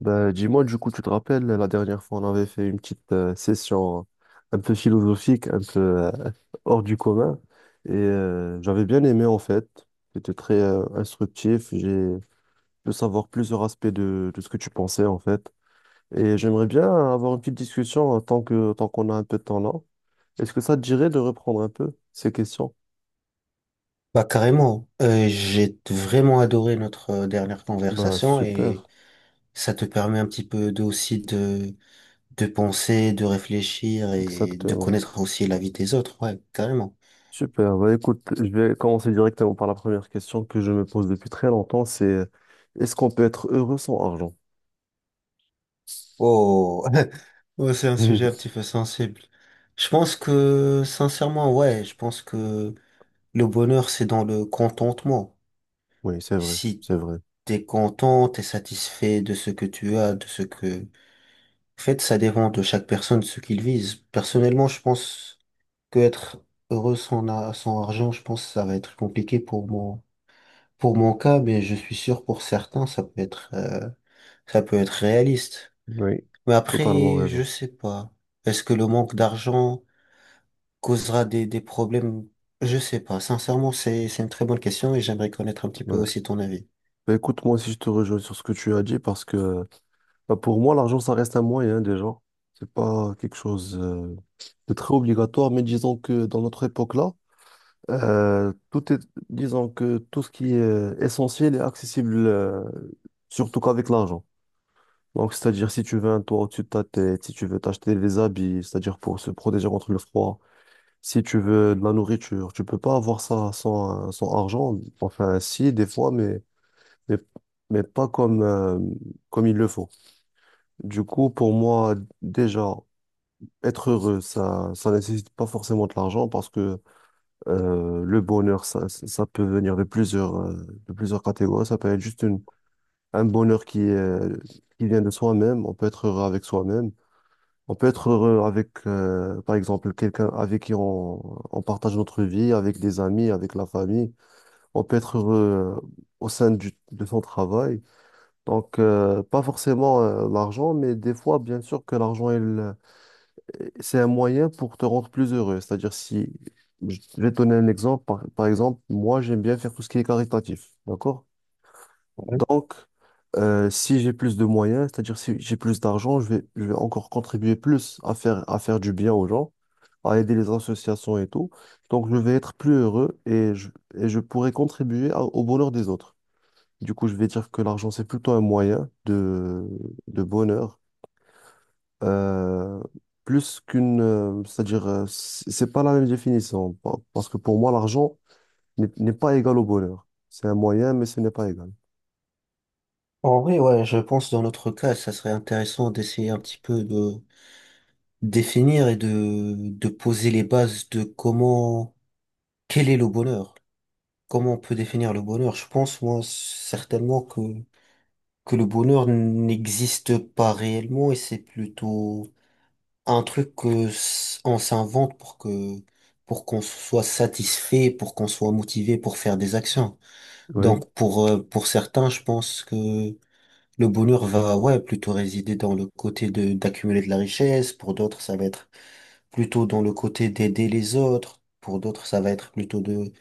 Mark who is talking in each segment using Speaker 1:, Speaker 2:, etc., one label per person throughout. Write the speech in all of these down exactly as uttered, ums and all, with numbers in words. Speaker 1: Bah, dis-moi, du coup, tu te rappelles, la dernière fois, on avait fait une petite euh, session un peu philosophique, un peu euh, hors du commun. Et euh, j'avais bien aimé, en fait. C'était très euh, instructif. J'ai pu savoir plusieurs aspects de, de ce que tu pensais, en fait. Et j'aimerais bien avoir une petite discussion euh, tant que, tant qu'on a un peu de temps là. Est-ce que ça te dirait de reprendre un peu ces questions?
Speaker 2: Bah carrément. Euh, j'ai vraiment adoré notre euh, dernière
Speaker 1: Bah,
Speaker 2: conversation et
Speaker 1: super,
Speaker 2: ça te permet un petit peu de, aussi de, de penser, de réfléchir et de
Speaker 1: exactement.
Speaker 2: connaître aussi la vie des autres, ouais, carrément.
Speaker 1: Super. Bah, écoute, je vais commencer directement par la première question que je me pose depuis très longtemps, c'est euh, est-ce qu'on peut être heureux sans argent?
Speaker 2: Oh, Ouais, c'est un sujet un petit peu sensible. Je pense que, sincèrement, ouais, je pense que le bonheur, c'est dans le contentement.
Speaker 1: Oui, c'est vrai,
Speaker 2: Si
Speaker 1: c'est vrai.
Speaker 2: t'es content, t'es satisfait de ce que tu as, de ce que... En fait, ça dépend de chaque personne, ce qu'il vise. Personnellement, je pense... que être heureux sans, a- sans argent, je pense que ça va être compliqué pour mon, pour mon cas, mais je suis sûr pour certains, ça peut être, euh, ça peut être réaliste.
Speaker 1: Oui.
Speaker 2: Mais
Speaker 1: Totalement
Speaker 2: après, je
Speaker 1: raison.
Speaker 2: sais pas. Est-ce que le manque d'argent causera des, des problèmes? Je sais pas. Sincèrement, c'est, c'est une très bonne question et j'aimerais connaître un petit peu
Speaker 1: Ouais.
Speaker 2: aussi ton avis.
Speaker 1: Bah, écoute, moi aussi, je te rejoins sur ce que tu as dit parce que bah, pour moi, l'argent, ça reste un moyen déjà. C'est pas quelque chose euh, de très obligatoire, mais disons que dans notre époque-là, euh, tout est, disons que tout ce qui est essentiel est accessible, euh, surtout qu'avec l'argent. Donc, c'est-à-dire, si tu veux un toit au-dessus de ta tête, si tu veux t'acheter des habits, c'est-à-dire pour se protéger contre le froid, si tu veux de la nourriture, tu peux pas avoir ça sans, euh, sans argent. Enfin, si, des fois, mais, mais, mais pas comme, euh, comme il le faut. Du coup, pour moi, déjà, être heureux, ça, ça nécessite pas forcément de l'argent parce que euh, le bonheur, ça, ça peut venir de plusieurs, euh, de plusieurs catégories. Ça peut être juste une, un bonheur qui est, qui vient de soi-même. On peut être heureux avec soi-même. On peut être heureux avec, euh, par exemple, quelqu'un avec qui on, on partage notre vie, avec des amis, avec la famille. On peut être heureux euh, au sein du- de son travail. Donc, euh, pas forcément euh, l'argent, mais des fois, bien sûr que l'argent, il, euh, c'est un moyen pour te rendre plus heureux. C'est-à-dire, si je vais te donner un exemple, par, par exemple, moi, j'aime bien faire tout ce qui est caritatif. D'accord?
Speaker 2: Ouais.
Speaker 1: Donc, euh, si j'ai plus de moyens, c'est-à-dire si j'ai plus d'argent, je vais, je vais encore contribuer plus à faire, à faire du bien aux gens, à aider les associations et tout. Donc, je vais être plus heureux et je, et je pourrai contribuer à- au bonheur des autres. Du coup, je vais dire que l'argent, c'est plutôt un moyen de, de bonheur, euh, plus qu'une, euh, c'est-à-dire, euh, c'est c'est pas la même définition, pa- parce que pour moi, l'argent n'est n'est pas égal au bonheur. C'est un moyen, mais ce n'est pas égal.
Speaker 2: En vrai, ouais, je pense dans notre cas, ça serait intéressant d'essayer un petit peu de définir et de, de poser les bases de comment, quel est le bonheur. Comment on peut définir le bonheur? Je pense, moi, certainement que, que le bonheur n'existe pas réellement et c'est plutôt un truc que s- on s'invente pour que, pour qu'on soit satisfait, pour qu'on soit motivé pour faire des actions.
Speaker 1: Oui.
Speaker 2: Donc, pour, euh, pour certains, je pense que le bonheur va, ouais, plutôt résider dans le côté de, d'accumuler de la richesse. Pour d'autres, ça va être plutôt dans le côté d'aider les autres. Pour d'autres, ça va être plutôt de,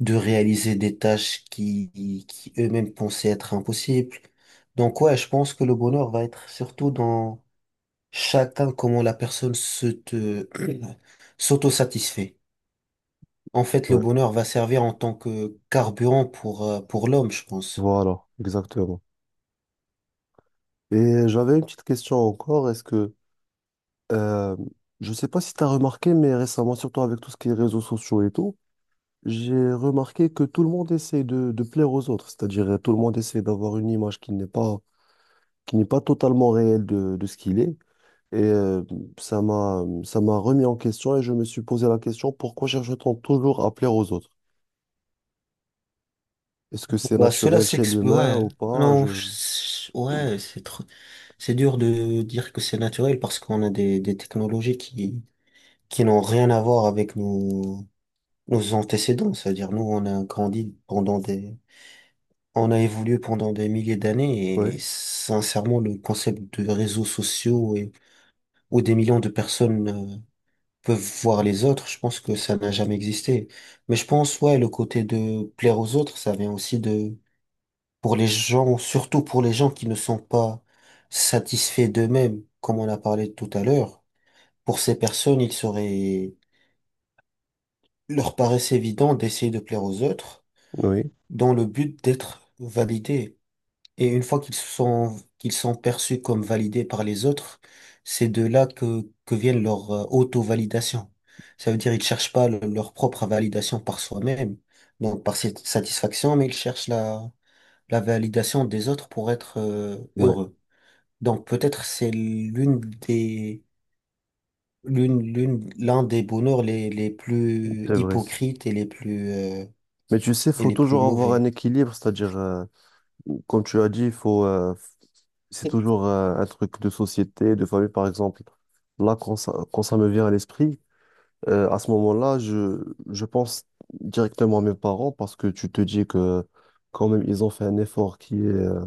Speaker 2: de réaliser des tâches qui, qui eux-mêmes pensaient être impossibles. Donc ouais, je pense que le bonheur va être surtout dans chacun, comment la personne se te, s'auto-satisfait. En fait, le bonheur va servir en tant que carburant pour, euh, pour l'homme, je pense.
Speaker 1: Voilà, exactement. Et j'avais une petite question encore. Est-ce que, euh, je sais pas si tu as remarqué, mais récemment, surtout avec tout ce qui est réseaux sociaux et tout, j'ai remarqué que tout le monde essaie de, de plaire aux autres. C'est-à-dire, euh, tout le monde essaie d'avoir une image qui n'est pas, qui n'est pas totalement réelle de, de ce qu'il est. Et euh, ça m'a, ça m'a remis en question et je me suis posé la question, pourquoi cherche-t-on toujours à plaire aux autres? Est-ce que c'est
Speaker 2: Bah, cela
Speaker 1: naturel chez
Speaker 2: s'explique,
Speaker 1: l'humain
Speaker 2: ouais.
Speaker 1: ou pas?
Speaker 2: Non,
Speaker 1: Je...
Speaker 2: je- ouais, c'est trop, c'est dur de dire que c'est naturel parce qu'on a des, des technologies qui, qui n'ont rien à voir avec nous nos antécédents, c'est-à-dire nous, on a grandi pendant des, on a évolué pendant des milliers d'années et
Speaker 1: Oui,
Speaker 2: sincèrement, le concept de réseaux sociaux et où des millions de personnes euh, peuvent voir les autres, je pense que ça n'a jamais existé. Mais je pense, ouais, le côté de plaire aux autres, ça vient aussi de, pour les gens, surtout pour les gens qui ne sont pas satisfaits d'eux-mêmes, comme on a parlé tout à l'heure. Pour ces personnes, il serait, leur paraissait évident d'essayer de plaire aux autres
Speaker 1: oui,
Speaker 2: dans le but d'être validés. Et une fois qu'ils sont, qu'ils sont perçus comme validés par les autres, c'est de là que, que viennent leur euh, auto-validation. Ça veut dire ils cherchent pas le- leur propre validation par soi-même, donc par cette satisfaction, mais ils cherchent la, la validation des autres pour être euh,
Speaker 1: ouais,
Speaker 2: heureux. Donc peut-être c'est l'une des, l'une, l'une, l'un des bonheurs les, les plus
Speaker 1: c'est vrai.
Speaker 2: hypocrites et les plus, euh,
Speaker 1: Mais tu sais, il
Speaker 2: et
Speaker 1: faut
Speaker 2: les plus
Speaker 1: toujours avoir
Speaker 2: mauvais.
Speaker 1: un équilibre, c'est-à-dire, euh, comme tu as dit, il faut, euh, c'est toujours euh, un truc de société, de famille, par exemple. Là, quand ça, quand ça me vient à l'esprit, euh, à ce moment-là, je, je pense directement à mes parents parce que tu te dis que quand même, ils ont fait un effort qui est euh,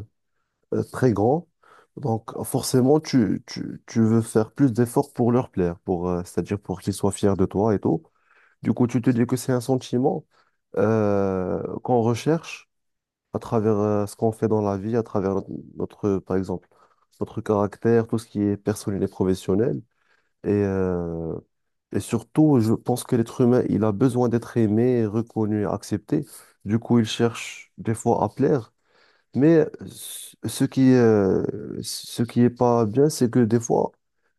Speaker 1: euh, très grand. Donc, forcément, tu, tu, tu veux faire plus d'efforts pour leur plaire, pour, euh, c'est-à-dire pour qu'ils soient fiers de toi et tout. Du coup, tu te dis que c'est un sentiment euh, qu'on recherche à travers euh, ce qu'on fait dans la vie, à travers notre, notre, par exemple, notre caractère, tout ce qui est personnel et professionnel. Et, euh, et surtout, je pense que l'être humain, il a besoin d'être aimé, reconnu, accepté. Du coup, il cherche des fois à plaire. Mais ce ce qui, euh, ce qui est pas bien, c'est que des fois,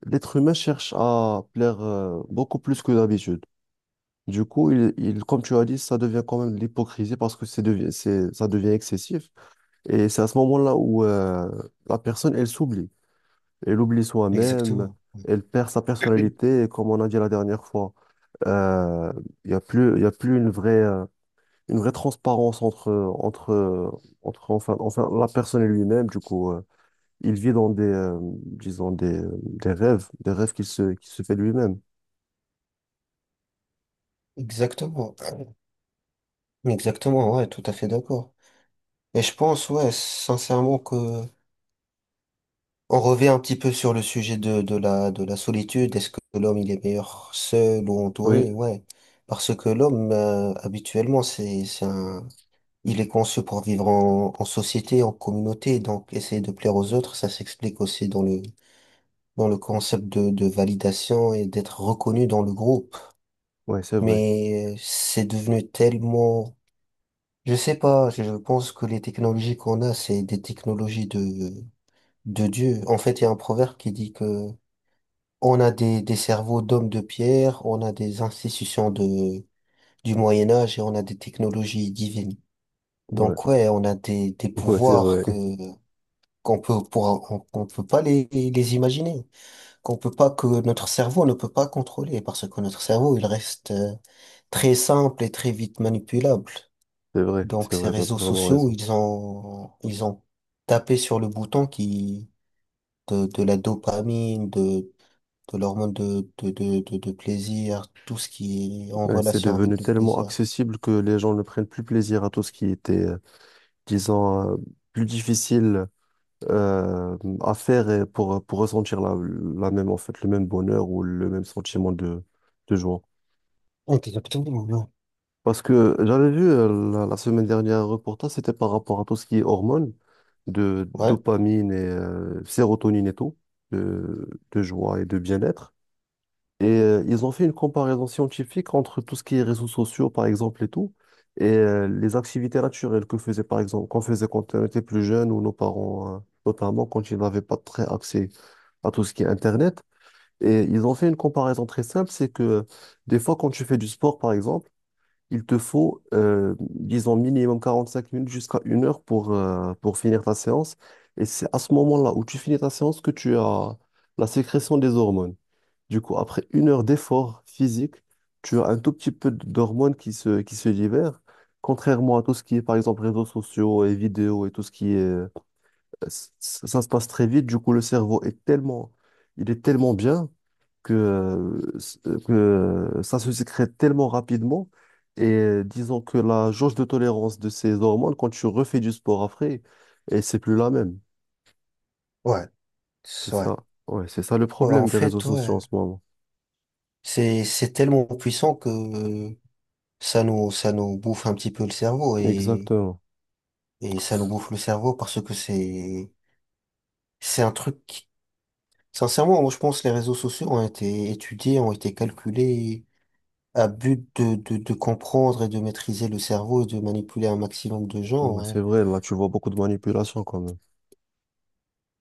Speaker 1: l'être humain cherche à plaire euh, beaucoup plus que d'habitude. Du coup, il, il- comme tu as dit, ça devient quand même de l'hypocrisie parce que c'est devi- c'est- ça devient excessif. Et c'est à ce moment-là où euh, la personne, elle s'oublie. Elle oublie soi-même,
Speaker 2: Exactement.
Speaker 1: elle perd sa personnalité. Et comme on a dit la dernière fois, euh, il y a plus, il y a plus une vraie, euh, une vraie transparence entre, entre, entre enfin, enfin, la personne et lui-même. Du coup, euh, il vit dans des, euh, disons, des, euh, des rêves, des rêves qu'il se, qu'il se fait lui-même.
Speaker 2: Exactement. Exactement, ouais, tout à fait d'accord. Et je pense, ouais, sincèrement que on revient un petit peu sur le sujet de, de la, de la solitude. Est-ce que l'homme, il est meilleur seul ou
Speaker 1: Oui,
Speaker 2: entouré? Ouais. Parce que l'homme, euh, habituellement, c'est, c'est un, il est conçu pour vivre en, en société, en communauté. Donc, essayer de plaire aux autres, ça s'explique aussi dans le, dans le concept de, de validation et d'être reconnu dans le groupe.
Speaker 1: ouais, c'est vrai.
Speaker 2: Mais euh, c'est devenu tellement... Je sais pas, je je pense que les technologies qu'on a, c'est des technologies de, de Dieu. En fait, il y a un proverbe qui dit que on a des, des cerveaux d'hommes de pierre, on a des institutions de, du Moyen Âge et on a des technologies divines.
Speaker 1: Ouais,
Speaker 2: Donc ouais, on a des, des
Speaker 1: ouais, c'est
Speaker 2: pouvoirs
Speaker 1: vrai.
Speaker 2: que qu'on peut pour, on, qu'on peut pas les, les imaginer, qu'on peut pas que notre cerveau ne peut pas contrôler parce que notre cerveau, il reste euh, très simple et très vite manipulable.
Speaker 1: C'est vrai,
Speaker 2: Donc
Speaker 1: c'est
Speaker 2: ces
Speaker 1: vrai, t'as
Speaker 2: réseaux
Speaker 1: totalement
Speaker 2: sociaux,
Speaker 1: raison.
Speaker 2: ils ont ils ont tapé sur le bouton qui de, de la dopamine, de de l'hormone de, de de de de plaisir, tout ce qui est en
Speaker 1: Ouais, c'est
Speaker 2: relation
Speaker 1: devenu
Speaker 2: avec le
Speaker 1: tellement
Speaker 2: plaisir.
Speaker 1: accessible que les gens ne prennent plus plaisir à tout ce qui était euh, disons, euh, plus difficile euh, à faire et pour, pour ressentir la, la même, en fait, le même bonheur ou le même sentiment de, de joie.
Speaker 2: Exactement, non.
Speaker 1: Parce que j'avais vu euh, la, la semaine dernière un reportage, c'était par rapport à tout ce qui est hormones, de
Speaker 2: Ouais,
Speaker 1: dopamine et euh, sérotonine et tout, de, de joie et de bien-être. Et euh, ils ont fait une comparaison scientifique entre tout ce qui est réseaux sociaux, par exemple, et tout, et euh, les activités naturelles que faisait, par exemple, qu'on faisait quand on était plus jeune ou nos parents, euh, notamment quand ils n'avaient pas très accès à tout ce qui est Internet. Et ils ont fait une comparaison très simple, c'est que des fois, quand tu fais du sport, par exemple, il te faut, euh, disons, minimum quarante-cinq minutes jusqu'à une heure pour, euh, pour finir ta séance. Et c'est à ce moment-là où tu finis ta séance que tu as la sécrétion des hormones. Du coup, après une heure d'effort physique, tu as un tout petit peu d'hormones qui se, qui se libèrent, contrairement à tout ce qui est, par exemple, réseaux sociaux et vidéos et tout ce qui est... Ça, ça se passe très vite, du coup, le cerveau est tellement... Il est tellement bien que, euh, s- que ça se sécrète tellement rapidement. Et euh, disons que la jauge de tolérance de ces hormones, quand tu refais du sport après, et c'est plus la même.
Speaker 2: ouais,
Speaker 1: C'est
Speaker 2: c'est vrai.
Speaker 1: ça. Ouais, c'est ça le
Speaker 2: Ouais, en
Speaker 1: problème des réseaux
Speaker 2: fait,
Speaker 1: sociaux
Speaker 2: ouais,
Speaker 1: en ce moment.
Speaker 2: c'est c'est tellement puissant que ça nous ça nous bouffe un petit peu le cerveau et
Speaker 1: Exactement.
Speaker 2: et ça nous bouffe le cerveau parce que c'est c'est un truc. Qui- Sincèrement, moi je pense que les réseaux sociaux ont été étudiés, ont été calculés à but de, de, de comprendre et de maîtriser le cerveau et de manipuler un maximum de gens,
Speaker 1: Ouais,
Speaker 2: ouais.
Speaker 1: c'est vrai, là, tu vois beaucoup de manipulation quand même.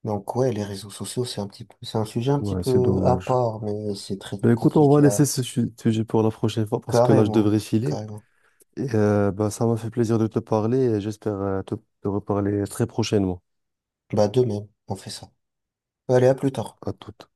Speaker 2: Donc ouais, les réseaux sociaux, c'est un petit peu, c'est un sujet un petit
Speaker 1: Ouais, c'est
Speaker 2: peu à
Speaker 1: dommage.
Speaker 2: part, mais c'est très
Speaker 1: Ben, écoute, on va
Speaker 2: compliqué
Speaker 1: laisser
Speaker 2: à...
Speaker 1: ce su- sujet pour la prochaine fois parce que là, je
Speaker 2: Carrément,
Speaker 1: devrais filer.
Speaker 2: carrément.
Speaker 1: Et, euh, ben, ça m'a fait plaisir de te parler et j'espère euh, te te reparler très prochainement.
Speaker 2: Bah de même, on fait ça. Allez, à plus tard.
Speaker 1: À toute.